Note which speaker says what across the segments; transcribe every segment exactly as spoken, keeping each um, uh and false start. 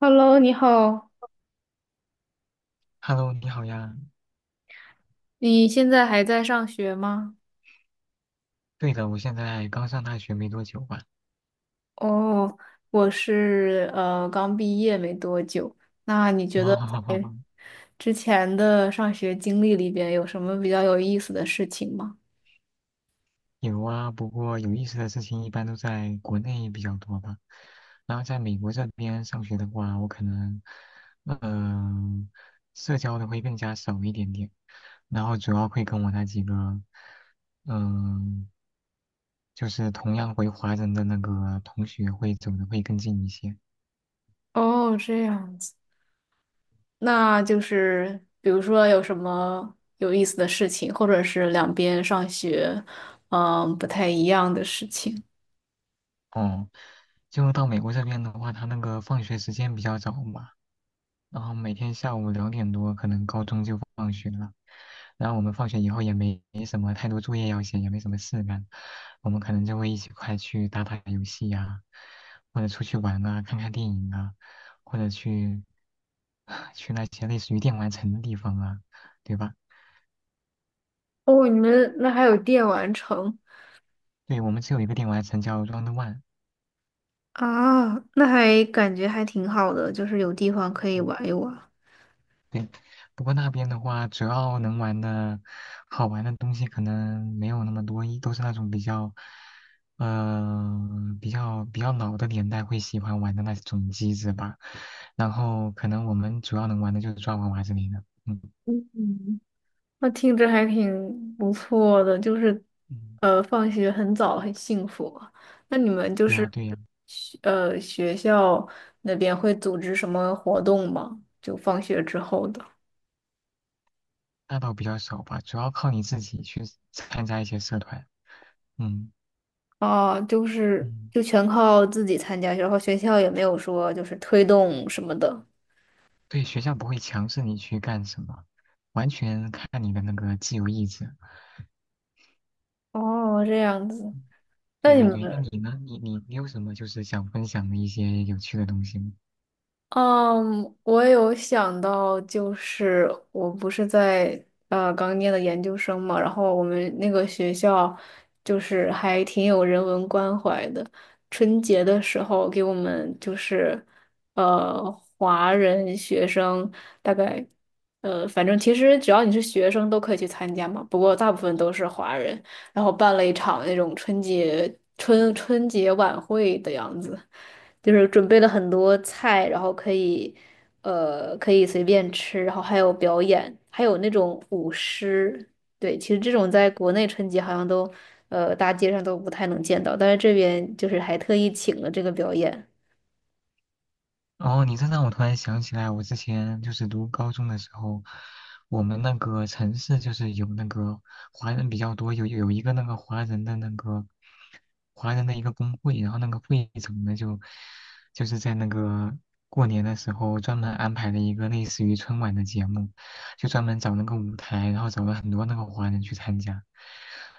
Speaker 1: Hello，你好，
Speaker 2: Hello，你好呀。
Speaker 1: 你现在还在上学吗？
Speaker 2: 对的，我现在刚上大学没多久吧。
Speaker 1: 哦，我是呃刚毕业没多久。那你觉得
Speaker 2: 啊，哦，
Speaker 1: 之前的上学经历里边有什么比较有意思的事情吗？
Speaker 2: 有啊，不过有意思的事情一般都在国内比较多吧。然后在美国这边上学的话，我可能，嗯、社交的会更加少一点点。然后主要会跟我那几个，嗯、就是同样回华人的那个同学会走的会更近一些。
Speaker 1: 哦，这样子，那就是比如说有什么有意思的事情，或者是两边上学嗯不太一样的事情。
Speaker 2: 哦，就到美国这边的话，他那个放学时间比较早嘛。然后每天下午两点多，可能高中就放学了。然后我们放学以后也没没什么太多作业要写，也没什么事干，我们可能就会一起快去打打游戏呀、或者出去玩啊，看看电影啊，或者去 去那些类似于电玩城的地方啊，对吧？
Speaker 1: 哦，你们那还有电玩城
Speaker 2: 对，我们只有一个电玩城叫 Round One。
Speaker 1: 啊？那还感觉还挺好的，就是有地方可以玩一玩。
Speaker 2: 对，不过那边的话，主要能玩的好玩的东西可能没有那么多，一都是那种比较，呃，比较比较老的年代会喜欢玩的那种机子吧。然后可能我们主要能玩的就是抓娃娃之类的。嗯
Speaker 1: 嗯，那听着还挺不错的，就是，
Speaker 2: 嗯，
Speaker 1: 呃，放学很早，很幸福啊。那你们就
Speaker 2: 对
Speaker 1: 是，
Speaker 2: 呀对呀，
Speaker 1: 学呃，学校那边会组织什么活动吗？就放学之后的。
Speaker 2: 那倒比较少吧，主要靠你自己去参加一些社团。嗯
Speaker 1: 啊，就是
Speaker 2: 嗯，
Speaker 1: 就全靠自己参加，然后学校也没有说就是推动什么的。
Speaker 2: 对，学校不会强制你去干什么，完全看你的那个自由意志。
Speaker 1: 哦，这样子。那
Speaker 2: 对
Speaker 1: 你
Speaker 2: 对对，那
Speaker 1: 们
Speaker 2: 你呢？你你你有什么就是想分享的一些有趣的东西吗？
Speaker 1: 嗯，我有想到，就是我不是在呃刚念的研究生嘛，然后我们那个学校就是还挺有人文关怀的。春节的时候给我们就是呃华人学生大概呃反正其实只要你是学生都可以去参加嘛，不过大部分都是华人，然后办了一场那种春节春春节晚会的样子。就是准备了很多菜，然后可以，呃，可以随便吃，然后还有表演，还有那种舞狮。对，其实这种在国内春节好像都，呃，大街上都不太能见到，但是这边就是还特意请了这个表演。
Speaker 2: 哦，你这让我突然想起来，我之前就是读高中的时候，我们那个城市就是有那个华人比较多，有有一个那个华人的那个华人的一个工会，然后那个会长呢就就是在那个过年的时候专门安排了一个类似于春晚的节目，就专门找那个舞台，然后找了很多那个华人去参加。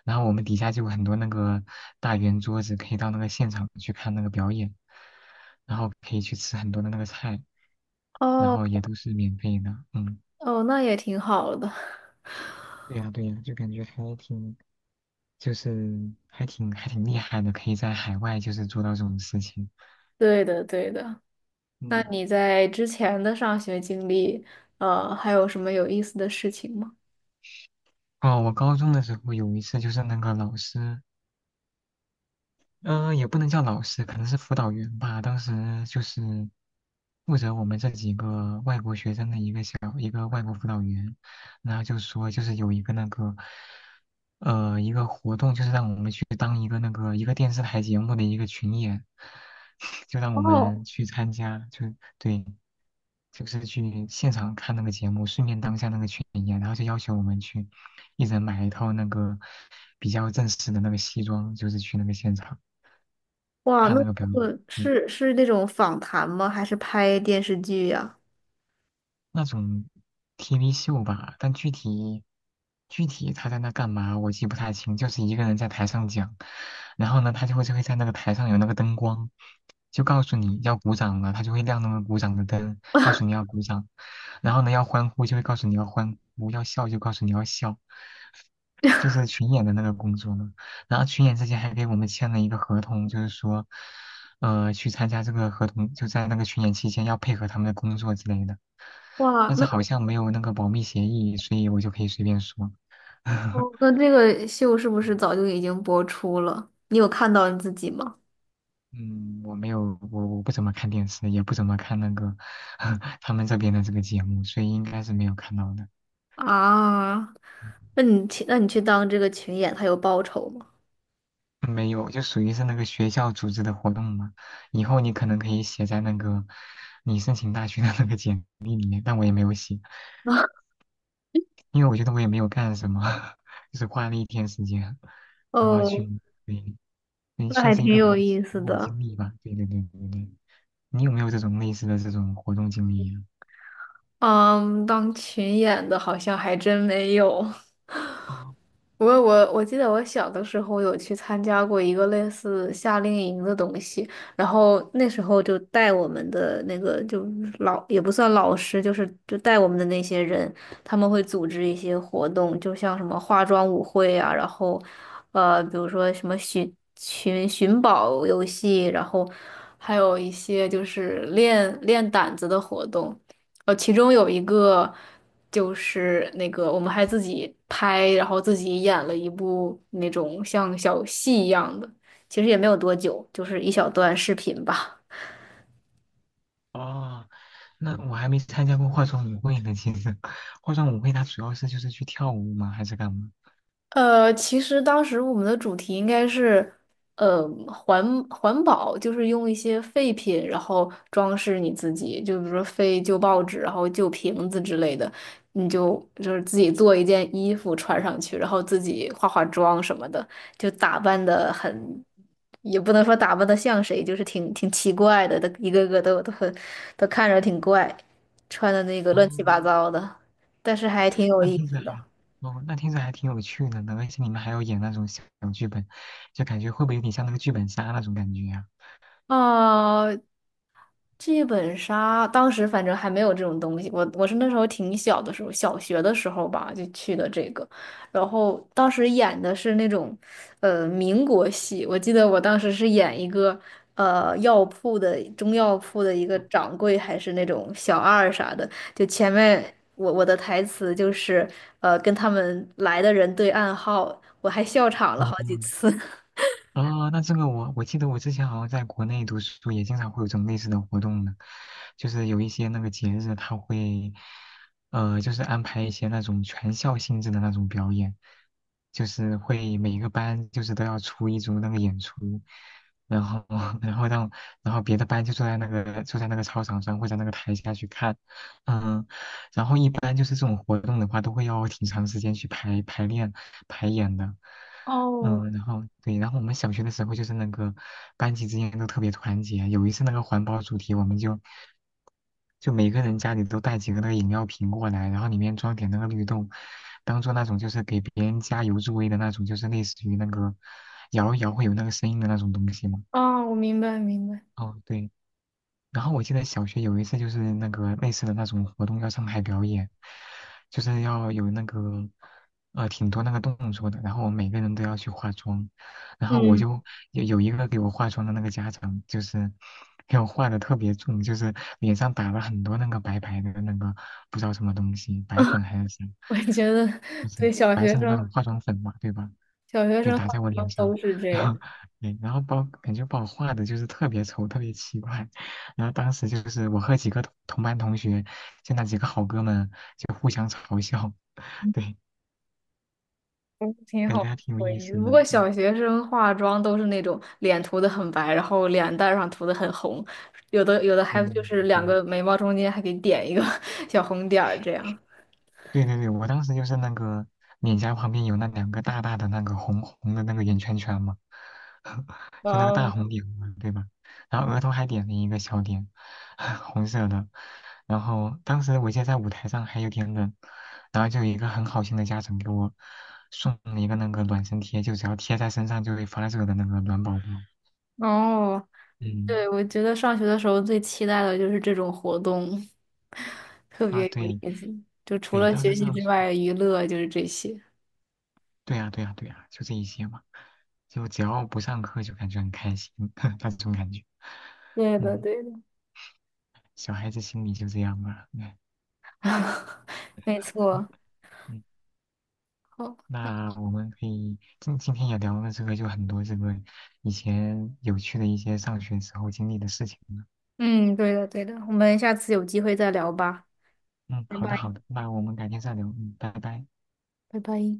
Speaker 2: 然后我们底下就有很多那个大圆桌子，可以到那个现场去看那个表演，然后可以去吃很多的那个菜，然
Speaker 1: 哦
Speaker 2: 后也都是免费的。嗯，
Speaker 1: 哦，那也挺好的。
Speaker 2: 对呀对呀，就感觉还挺，就是还挺还挺厉害的，可以在海外就是做到这种事情。
Speaker 1: 对的，对的。那
Speaker 2: 嗯，
Speaker 1: 你在之前的上学经历，呃，还有什么有意思的事情吗？
Speaker 2: 哦，我高中的时候有一次就是那个老师。嗯、呃也不能叫老师，可能是辅导员吧。当时就是负责我们这几个外国学生的一个小一个外国辅导员，然后就说就是有一个那个呃一个活动，就是让我们去当一个那个一个电视台节目的一个群演，就让我
Speaker 1: 哦，
Speaker 2: 们去参加，就对，就是去现场看那个节目，顺便当下那个群演，然后就要求我们去一人买一套那个比较正式的那个西装，就是去那个现场。
Speaker 1: 哇，
Speaker 2: 看
Speaker 1: 那
Speaker 2: 那个表演。
Speaker 1: 呃是是那种访谈吗？还是拍电视剧呀？
Speaker 2: 那种 T V 秀吧，但具体具体他在那干嘛，我记不太清，就是一个人在台上讲，然后呢，他就会就会在那个台上有那个灯光，就告诉你要鼓掌了，他就会亮那个鼓掌的灯，告诉你要鼓掌，然后呢，要欢呼就会告诉你要欢呼，要笑就告诉你要笑，就是群演的那个工作嘛。然后群演之前还给我们签了一个合同，就是说，呃，去参加这个合同，就在那个群演期间要配合他们的工作之类的。
Speaker 1: 哇，
Speaker 2: 但是
Speaker 1: 那
Speaker 2: 好像没有那个保密协议，所以我就可以随便说。
Speaker 1: 哦那这个秀是不是早就已经播出了？你有看到你自己吗？
Speaker 2: 嗯，我没有，我我不怎么看电视，也不怎么看那个 他们这边的这个节目，所以应该是没有看到的。
Speaker 1: 啊，
Speaker 2: 嗯
Speaker 1: 那你去，那你去当这个群演，他有报酬吗？
Speaker 2: 没有，就属于是那个学校组织的活动嘛。以后你可能可以写在那个你申请大学的那个简历里面，但我也没有写，因为我觉得我也没有干什么，就是花了一天时间，然后
Speaker 1: 哦，
Speaker 2: 去，对，也
Speaker 1: 那
Speaker 2: 算
Speaker 1: 还
Speaker 2: 是一
Speaker 1: 挺
Speaker 2: 个比
Speaker 1: 有
Speaker 2: 较奇
Speaker 1: 意思
Speaker 2: 妙的
Speaker 1: 的。
Speaker 2: 经历吧。对对对对对。你有没有这种类似的这种活动经历呀？
Speaker 1: 嗯，当群演的好像还真没有。
Speaker 2: 哦
Speaker 1: 我我我记得我小的时候有去参加过一个类似夏令营的东西，然后那时候就带我们的那个就老也不算老师，就是就带我们的那些人，他们会组织一些活动，就像什么化妆舞会啊，然后呃比如说什么寻寻寻宝游戏，然后还有一些就是练练胆子的活动。呃，其中有一个就是那个我们还自己拍，然后自己演了一部那种像小戏一样的，其实也没有多久，就是一小段视频吧。
Speaker 2: 哦，那我还没参加过化妆舞会呢。其实，化妆舞会它主要是就是去跳舞吗？还是干嘛？
Speaker 1: 呃，其实当时我们的主题应该是，呃，环环保，就是用一些废品，然后装饰你自己，就比如说废旧报纸，然后旧瓶子之类的，你就就是自己做一件衣服穿上去，然后自己化化妆什么的，就打扮的很，也不能说打扮的像谁，就是挺挺奇怪的，都一个个都都很都看着挺怪，穿的那个乱七八
Speaker 2: 哦，
Speaker 1: 糟的，但是还挺有
Speaker 2: 那
Speaker 1: 意
Speaker 2: 听着
Speaker 1: 思的。
Speaker 2: 还，哦，那听着还挺有趣的呢。而且你们还要演那种小小剧本，就感觉会不会有点像那个剧本杀那种感觉呀、
Speaker 1: 哦，剧本杀当时反正还没有这种东西，我我是那时候挺小的时候，小学的时候吧就去的这个，然后当时演的是那种，呃，民国戏，我记得我当时是演一个呃药铺的中药铺的一个
Speaker 2: 嗯
Speaker 1: 掌柜，还是那种小二啥的，就前面我我的台词就是呃跟他们来的人对暗号，我还笑场了
Speaker 2: 哦，
Speaker 1: 好几次。
Speaker 2: 啊，那这个我我记得我之前好像在国内读书也经常会有这种类似的活动呢，就是有一些那个节日他会，呃，就是安排一些那种全校性质的那种表演，就是会每个班就是都要出一组那个演出，然后 然后让然后别的班就坐在那个坐在那个操场上或者那个台下去看，嗯。然后一般就是这种活动的话，都会要挺长时间去排排练、排演的。
Speaker 1: 哦，
Speaker 2: 嗯，然后对，然后我们小学的时候就是那个班级之间都特别团结。有一次那个环保主题，我们就就每个人家里都带几个那个饮料瓶过来，然后里面装点那个绿豆，当做那种就是给别人加油助威的那种，就是类似于那个摇一摇会有那个声音的那种东西嘛。
Speaker 1: 啊，我明白明白。
Speaker 2: 哦，对。然后我记得小学有一次就是那个类似的那种活动要上台表演，就是要有那个呃挺多那个动作的，然后我们每个人都要去化妆，然后我
Speaker 1: 嗯。
Speaker 2: 就有有一个给我化妆的那个家长就是给我化的特别重，就是脸上打了很多那个白白的那个不知道什么东西，白粉还是啥，
Speaker 1: 我也觉得
Speaker 2: 就是
Speaker 1: 对小
Speaker 2: 白
Speaker 1: 学
Speaker 2: 色的那
Speaker 1: 生，
Speaker 2: 种化妆粉嘛，对吧？
Speaker 1: 小学
Speaker 2: 对，
Speaker 1: 生化
Speaker 2: 打在我脸
Speaker 1: 妆都
Speaker 2: 上，
Speaker 1: 是 这
Speaker 2: 然
Speaker 1: 样，
Speaker 2: 后对，然后把我感觉把我画的就是特别丑，特别奇怪。然后当时就是我和几个同同班同学，就那几个好哥们就互相嘲笑，对，
Speaker 1: 嗯，挺
Speaker 2: 感觉
Speaker 1: 好
Speaker 2: 还挺有
Speaker 1: 回
Speaker 2: 意
Speaker 1: 忆的
Speaker 2: 思
Speaker 1: 不
Speaker 2: 的。
Speaker 1: 过
Speaker 2: 嗯
Speaker 1: 小学生化妆都是那种脸涂的很白，然后脸蛋儿上涂的很红，有的有的还就
Speaker 2: 嗯，
Speaker 1: 是两
Speaker 2: 对
Speaker 1: 个眉毛中间还给点一个 小红点儿这样。
Speaker 2: 对对对，我当时就是那个脸颊旁边有那两个大大的那个红红的那个圆圈圈嘛，
Speaker 1: 哇
Speaker 2: 就那个大
Speaker 1: 哦，
Speaker 2: 红点嘛，对吧？然后额头还点了一个小点，红色的。然后当时我记得在舞台上还有点冷，然后就有一个很好心的家长给我送了一个那个暖身贴，就只要贴在身上就会发热的那个暖宝宝。
Speaker 1: 哦，
Speaker 2: 嗯，
Speaker 1: 对，我觉得上学的时候最期待的就是这种活动，特
Speaker 2: 啊
Speaker 1: 别有
Speaker 2: 对
Speaker 1: 意思。就除
Speaker 2: 对，
Speaker 1: 了
Speaker 2: 当时
Speaker 1: 学习
Speaker 2: 上
Speaker 1: 之
Speaker 2: 学。
Speaker 1: 外，娱乐就是这些。
Speaker 2: 对呀，对呀，对呀，就这一些嘛，就只要不上课就感觉很开心，那种感觉。
Speaker 1: 对的，
Speaker 2: 嗯，
Speaker 1: 对的，
Speaker 2: 小孩子心里就这样吧。
Speaker 1: 没错。
Speaker 2: 嗯，
Speaker 1: 好
Speaker 2: 那我们可以今今天也聊了这个，就很多这个以前有趣的一些上学时候经历的事情了。
Speaker 1: 嗯，对的，对的，我们下次有机会再聊吧，
Speaker 2: 嗯，
Speaker 1: 拜
Speaker 2: 好的，
Speaker 1: 拜，
Speaker 2: 好的，那我们改天再聊。嗯，拜拜。
Speaker 1: 拜拜。